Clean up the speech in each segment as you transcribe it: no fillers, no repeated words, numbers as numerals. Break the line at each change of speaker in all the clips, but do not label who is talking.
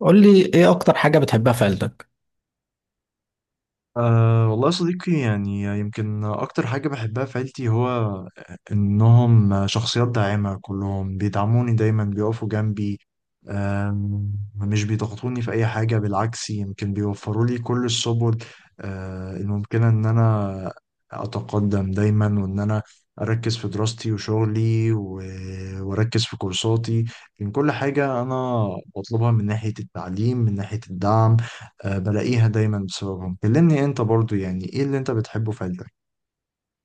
قول لي ايه اكتر حاجة بتحبها في عيلتك؟
أه والله يا صديقي، يعني يمكن أكتر حاجة بحبها في عيلتي هو إنهم شخصيات داعمة. كلهم بيدعموني دايما، بيقفوا جنبي. مش بيضغطوني في أي حاجة، بالعكس يمكن بيوفروا لي كل السبل الممكنة إن أنا أتقدم دايما، وإن أنا أركز في دراستي وشغلي وأركز في كورساتي من كل حاجة أنا بطلبها، من ناحية التعليم، من ناحية الدعم. بلاقيها دايما بسببهم. كلمني انت برضو، يعني ايه اللي انت بتحبه في عيلتك؟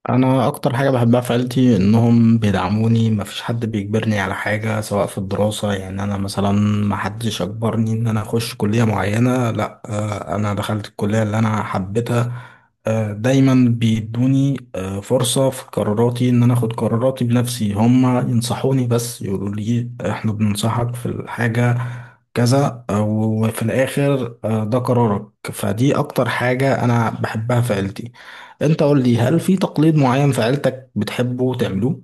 انا اكتر حاجه بحبها في عيلتي انهم بيدعموني. مفيش حد بيجبرني على حاجه سواء في الدراسه. يعني انا مثلا محدش اجبرني ان انا اخش كليه معينه، لا. انا دخلت الكليه اللي انا حبيتها. دايما بيدوني فرصه في قراراتي ان انا اخد قراراتي بنفسي. هم ينصحوني بس يقولوا لي احنا بننصحك في الحاجه كذا، وفي الاخر ده قرارك. فدي اكتر حاجه انا بحبها في عيلتي. انت قول لي، هل في تقليد معين في عيلتك بتحبه تعملوه؟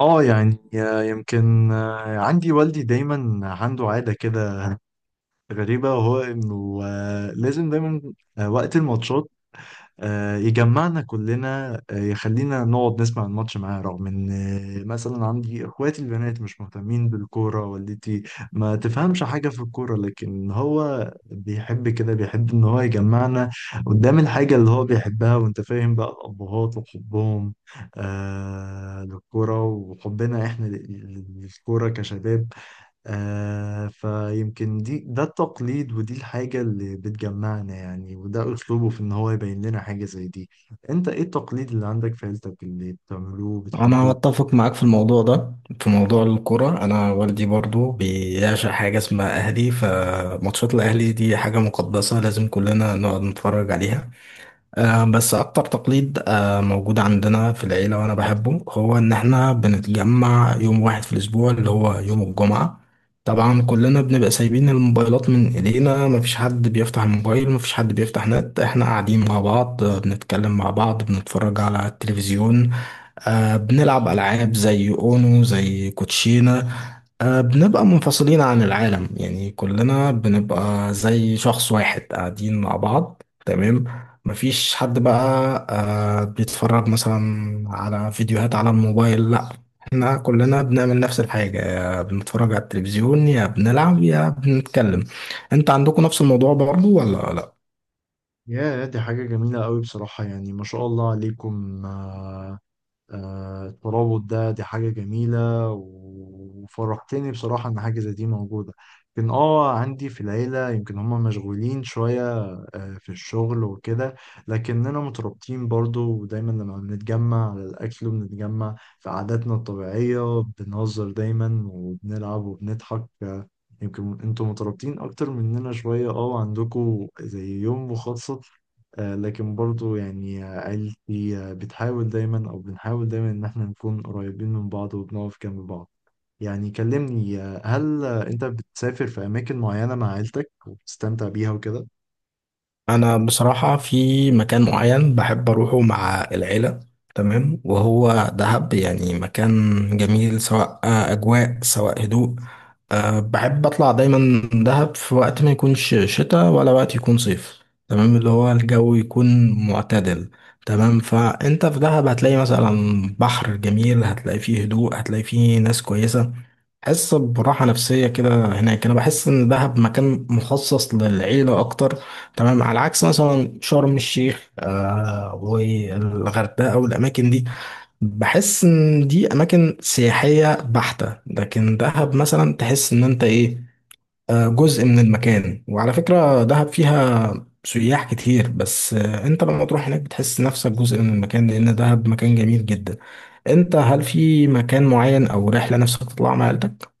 اه يعني يمكن عندي والدي دايما عنده عادة كده غريبة، وهو انه لازم دايما وقت الماتشات يجمعنا كلنا، يخلينا نقعد نسمع الماتش معاه، رغم ان مثلا عندي اخواتي البنات مش مهتمين بالكورة، والدتي ما تفهمش حاجة في الكورة، لكن هو بيحب كده، بيحب ان هو يجمعنا قدام الحاجة اللي هو بيحبها. وانت فاهم بقى الابهات وحبهم آه للكورة، وحبنا احنا للكورة كشباب. آه، فيمكن ده التقليد، ودي الحاجة اللي بتجمعنا يعني، وده أسلوبه في إن هو يبين لنا حاجة زي دي. أنت إيه التقليد اللي عندك في عيلتك اللي بتعملوه
انا
وبتحبوه؟
اتفق معاك في الموضوع ده، في موضوع الكرة. انا والدي برضو بيعشق حاجة اسمها اهلي، فماتشات الاهلي دي حاجة مقدسة لازم كلنا نقعد نتفرج عليها. بس أكتر تقليد موجود عندنا في العيلة وأنا بحبه هو إن إحنا بنتجمع يوم واحد في الأسبوع اللي هو يوم الجمعة. طبعا كلنا بنبقى سايبين الموبايلات من إيدينا، مفيش حد بيفتح الموبايل، مفيش حد بيفتح نت. إحنا قاعدين مع بعض، بنتكلم مع بعض، بنتفرج على التلفزيون، بنلعب ألعاب زي أونو، زي كوتشينة. بنبقى منفصلين عن العالم، يعني كلنا بنبقى زي شخص واحد قاعدين مع بعض. تمام، مفيش حد بقى بيتفرج مثلا على فيديوهات على الموبايل، لا. احنا كلنا بنعمل نفس الحاجة، يا بنتفرج على التلفزيون يا بنلعب يا بنتكلم. انت عندكم نفس الموضوع برضو ولا لا؟
يا دي حاجة جميلة قوي بصراحة، يعني ما شاء الله عليكم. الترابط ده دي حاجة جميلة وفرحتني بصراحة إن حاجة زي دي موجودة. لكن عندي في العيلة يمكن هما مشغولين شوية في الشغل وكده، لكننا مترابطين برضو. ودايما لما بنتجمع على الأكل، وبنتجمع في عاداتنا الطبيعية، بنهزر دايما وبنلعب وبنضحك. آه، يمكن انتوا مترابطين أكتر مننا شوية. اه عندكوا زي يوم مخصص. لكن برضو يعني عيلتي بتحاول دايما، أو بنحاول دايما إن احنا نكون قريبين من بعض وبنقف جنب بعض. يعني كلمني، هل أنت بتسافر في أماكن معينة مع عيلتك وبتستمتع بيها وكده؟
انا بصراحه في مكان معين بحب اروحه مع العيله، تمام، وهو دهب. يعني مكان جميل سواء اجواء سواء هدوء. أه، بحب اطلع دايما دهب في وقت ما يكونش شتاء ولا وقت يكون صيف، تمام، اللي هو الجو يكون معتدل. تمام، فانت في دهب هتلاقي مثلا بحر جميل، هتلاقي فيه هدوء، هتلاقي فيه ناس كويسه. حس براحه نفسيه كده هناك. انا بحس ان دهب مكان مخصص للعيله اكتر، تمام، على عكس مثلا شرم الشيخ آه والغردقه والاماكن دي. بحس ان دي اماكن سياحيه بحته، لكن دهب مثلا تحس ان انت ايه، آه، جزء من المكان. وعلى فكره دهب فيها سياح كتير بس آه انت لما تروح هناك بتحس نفسك جزء من المكان لان دهب مكان جميل جدا. انت هل في مكان معين او رحله نفسك تطلع مع عيلتك؟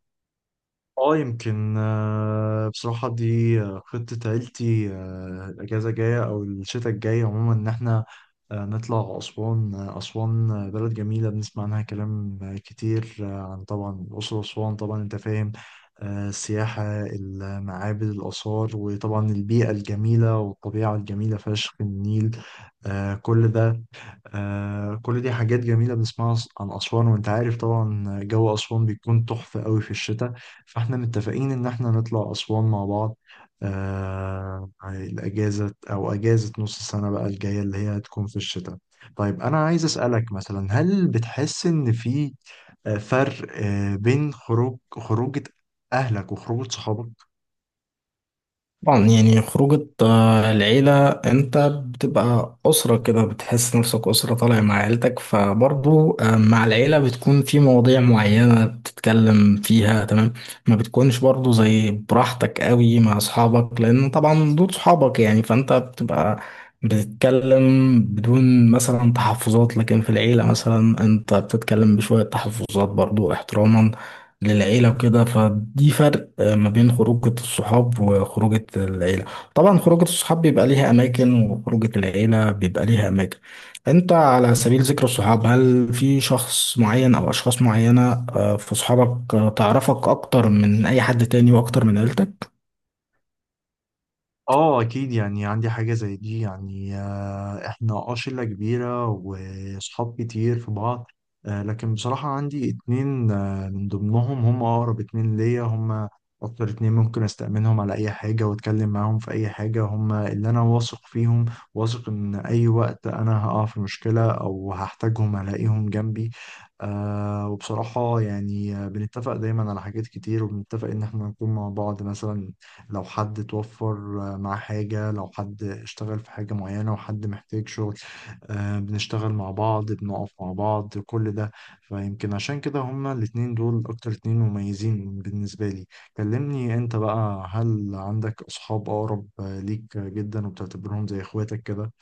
اه يمكن بصراحة دي خطة عيلتي الأجازة الجاية أو الشتاء الجاي عموما، إن إحنا نطلع أسوان. أسوان بلد جميلة بنسمع عنها كلام كتير، عن طبعا أسوان. طبعا أنت فاهم السياحة، المعابد، الآثار، وطبعا البيئة الجميلة والطبيعة الجميلة فشخ النيل كل ده. آه كل دي حاجات جميلة بنسمعها عن أسوان. وأنت عارف طبعا جو أسوان بيكون تحفة قوي في الشتاء. فاحنا متفقين ان احنا نطلع اسوان مع بعض الاجازه او اجازه نص السنه بقى الجايه اللي هي هتكون في الشتاء. طيب انا عايز اسالك مثلا، هل بتحس ان في فرق بين خروجه اهلك وخروجه صحابك؟
طبعا، يعني خروجة العيلة انت بتبقى أسرة كده، بتحس نفسك أسرة طالع مع عيلتك. فبرضو مع العيلة بتكون في مواضيع معينة بتتكلم فيها، تمام، ما بتكونش برضو زي براحتك قوي مع أصحابك، لأن طبعا دول صحابك يعني. فانت بتبقى بتتكلم بدون مثلا تحفظات، لكن في العيلة مثلا انت بتتكلم بشوية تحفظات برضو احتراما للعيلة وكده. فدي فرق ما بين خروجة الصحاب وخروجة العيلة. طبعا خروجة الصحاب بيبقى ليها أماكن وخروجة العيلة بيبقى ليها أماكن. أنت على سبيل ذكر الصحاب، هل في شخص معين أو أشخاص معينة في صحابك تعرفك أكتر من أي حد تاني وأكتر من عيلتك؟
اه اكيد، يعني عندي حاجة زي دي يعني احنا اه شلة كبيرة وصحاب كتير في بعض. لكن بصراحة عندي اتنين من ضمنهم، هم اقرب اتنين ليا، هم اكتر اتنين ممكن استأمنهم على اي حاجة واتكلم معاهم في اي حاجة. هم اللي انا واثق فيهم، واثق ان اي وقت انا هقع في مشكلة او هحتاجهم هلاقيهم جنبي. وبصراحة يعني بنتفق دايما على حاجات كتير، وبنتفق ان احنا نكون مع بعض. مثلا لو حد توفر مع حاجة، لو حد اشتغل في حاجة معينة وحد محتاج شغل بنشتغل مع بعض، بنقف مع بعض، كل ده. فيمكن عشان كده هما الاتنين دول أكتر اتنين مميزين بالنسبة لي. كلمني أنت بقى، هل عندك أصحاب أقرب ليك جدا وبتعتبرهم زي إخواتك كده؟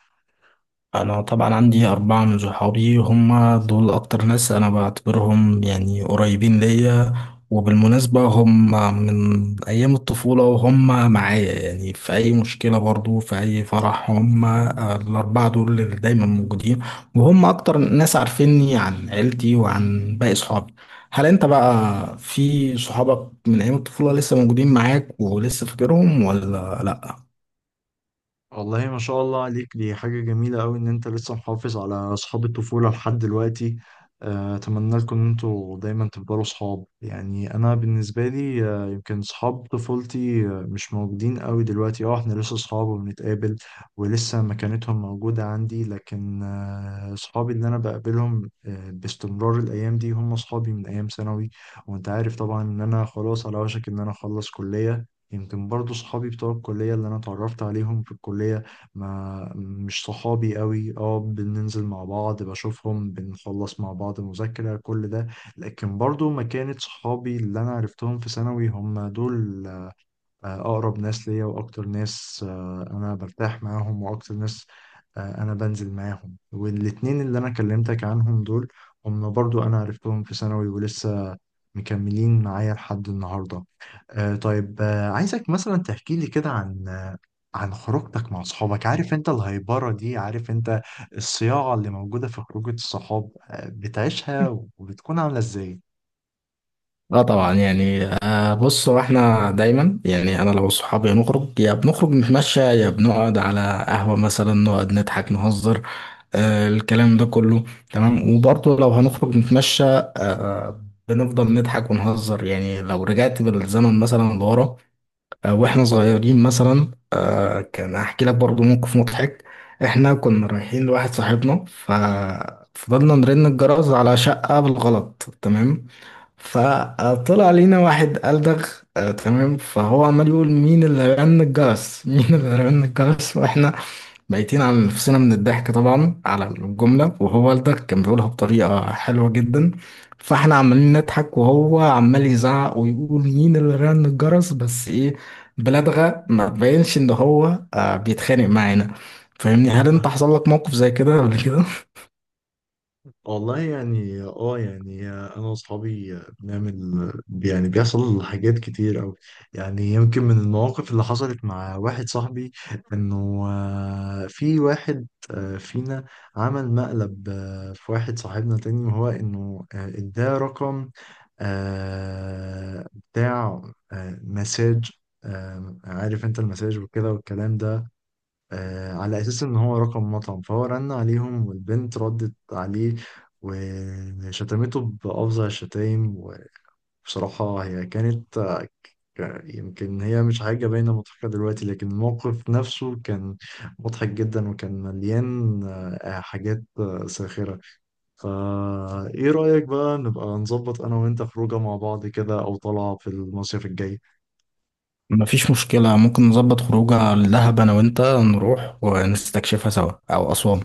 انا طبعا عندي اربعة من صحابي، هم دول اكتر ناس انا بعتبرهم يعني قريبين ليا. وبالمناسبة هم من ايام الطفولة وهم معايا يعني في اي مشكلة، برضو في اي فرح، هم الاربعة دول اللي دايما موجودين. وهم اكتر ناس عارفيني عن عيلتي وعن باقي صحابي. هل انت بقى في صحابك من ايام الطفولة لسه موجودين معاك ولسه فاكرهم ولا لا؟
والله ما شاء الله عليك، دي حاجة جميلة أوي إن أنت لسه محافظ على أصحاب الطفولة لحد دلوقتي. أتمنى لكم إن أنتوا دايما تفضلوا صحاب. يعني أنا بالنسبة لي يمكن صحاب طفولتي مش موجودين أوي دلوقتي. إحنا لسه صحاب وبنتقابل، ولسه مكانتهم موجودة عندي. لكن صحابي اللي أنا بقابلهم باستمرار الأيام دي هم صحابي من أيام ثانوي. وأنت عارف طبعا إن أنا خلاص على وشك إن أنا أخلص كلية. يمكن برضو صحابي بتوع الكلية اللي أنا اتعرفت عليهم في الكلية، ما مش صحابي قوي. اه بننزل مع بعض، بشوفهم، بنخلص مع بعض مذاكرة، كل ده. لكن برضو ما كانت صحابي اللي أنا عرفتهم في ثانوي هم دول أقرب ناس ليا، وأكتر ناس أنا برتاح معاهم، وأكتر ناس أنا بنزل معاهم. والاتنين اللي أنا كلمتك عنهم دول هم برضو أنا عرفتهم في ثانوي، ولسه مكملين معايا لحد النهاردة. طيب عايزك مثلا تحكي لي كده عن عن خروجتك مع صحابك. عارف انت الهيبرة دي، عارف انت الصياعة اللي موجودة في خروجة الصحاب، بتعيشها وبتكون عاملة ازاي؟
اه طبعا. يعني بص، هو احنا دايما، يعني انا لو صحابي نخرج، يا بنخرج نتمشى يا بنقعد على قهوة مثلا، نقعد نضحك نهزر آه الكلام ده كله. تمام، وبرضه لو هنخرج نتمشى آه بنفضل نضحك ونهزر. يعني لو رجعت بالزمن مثلا لورا آه واحنا صغيرين مثلا، آه كان احكي لك برضه موقف مضحك. احنا كنا رايحين لواحد صاحبنا ففضلنا نرن الجرس على شقة بالغلط، تمام، فطلع لينا واحد ألدغ تمام. فهو عمال يقول مين اللي رن الجرس مين اللي رن الجرس، واحنا بايتين على نفسنا من الضحك طبعا على الجملة، وهو ألدغ كان بيقولها بطريقة حلوة جدا. فاحنا عمالين نضحك وهو عمال يزعق ويقول مين اللي رن الجرس، بس ايه، بلدغة ما تبينش ان هو بيتخانق معانا. فاهمني؟ هل انت حصل لك موقف زي كده قبل؟
والله يعني يعني انا واصحابي بنعمل، يعني بيحصل حاجات كتير اوي. يعني يمكن من المواقف اللي حصلت مع واحد صاحبي، انه في واحد فينا عمل مقلب في واحد صاحبنا تاني، وهو انه اداه رقم بتاع مساج. عارف انت المساج وكده والكلام ده على أساس إن هو رقم مطعم، فهو رن عليهم والبنت ردت عليه وشتمته بأفظع الشتايم. وبصراحة هي كانت يمكن هي مش حاجة باينة مضحكة دلوقتي، لكن الموقف نفسه كان مضحك جدا وكان مليان حاجات ساخرة. فا إيه رأيك بقى نبقى نظبط أنا وأنت خروجة مع بعض كده، أو طلعة في المصيف الجاي؟
مفيش مشكلة، ممكن نظبط خروجه لدهب أنا وأنت، نروح ونستكشفها سوا، أو أسوان.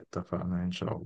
اتفقنا إن شاء الله.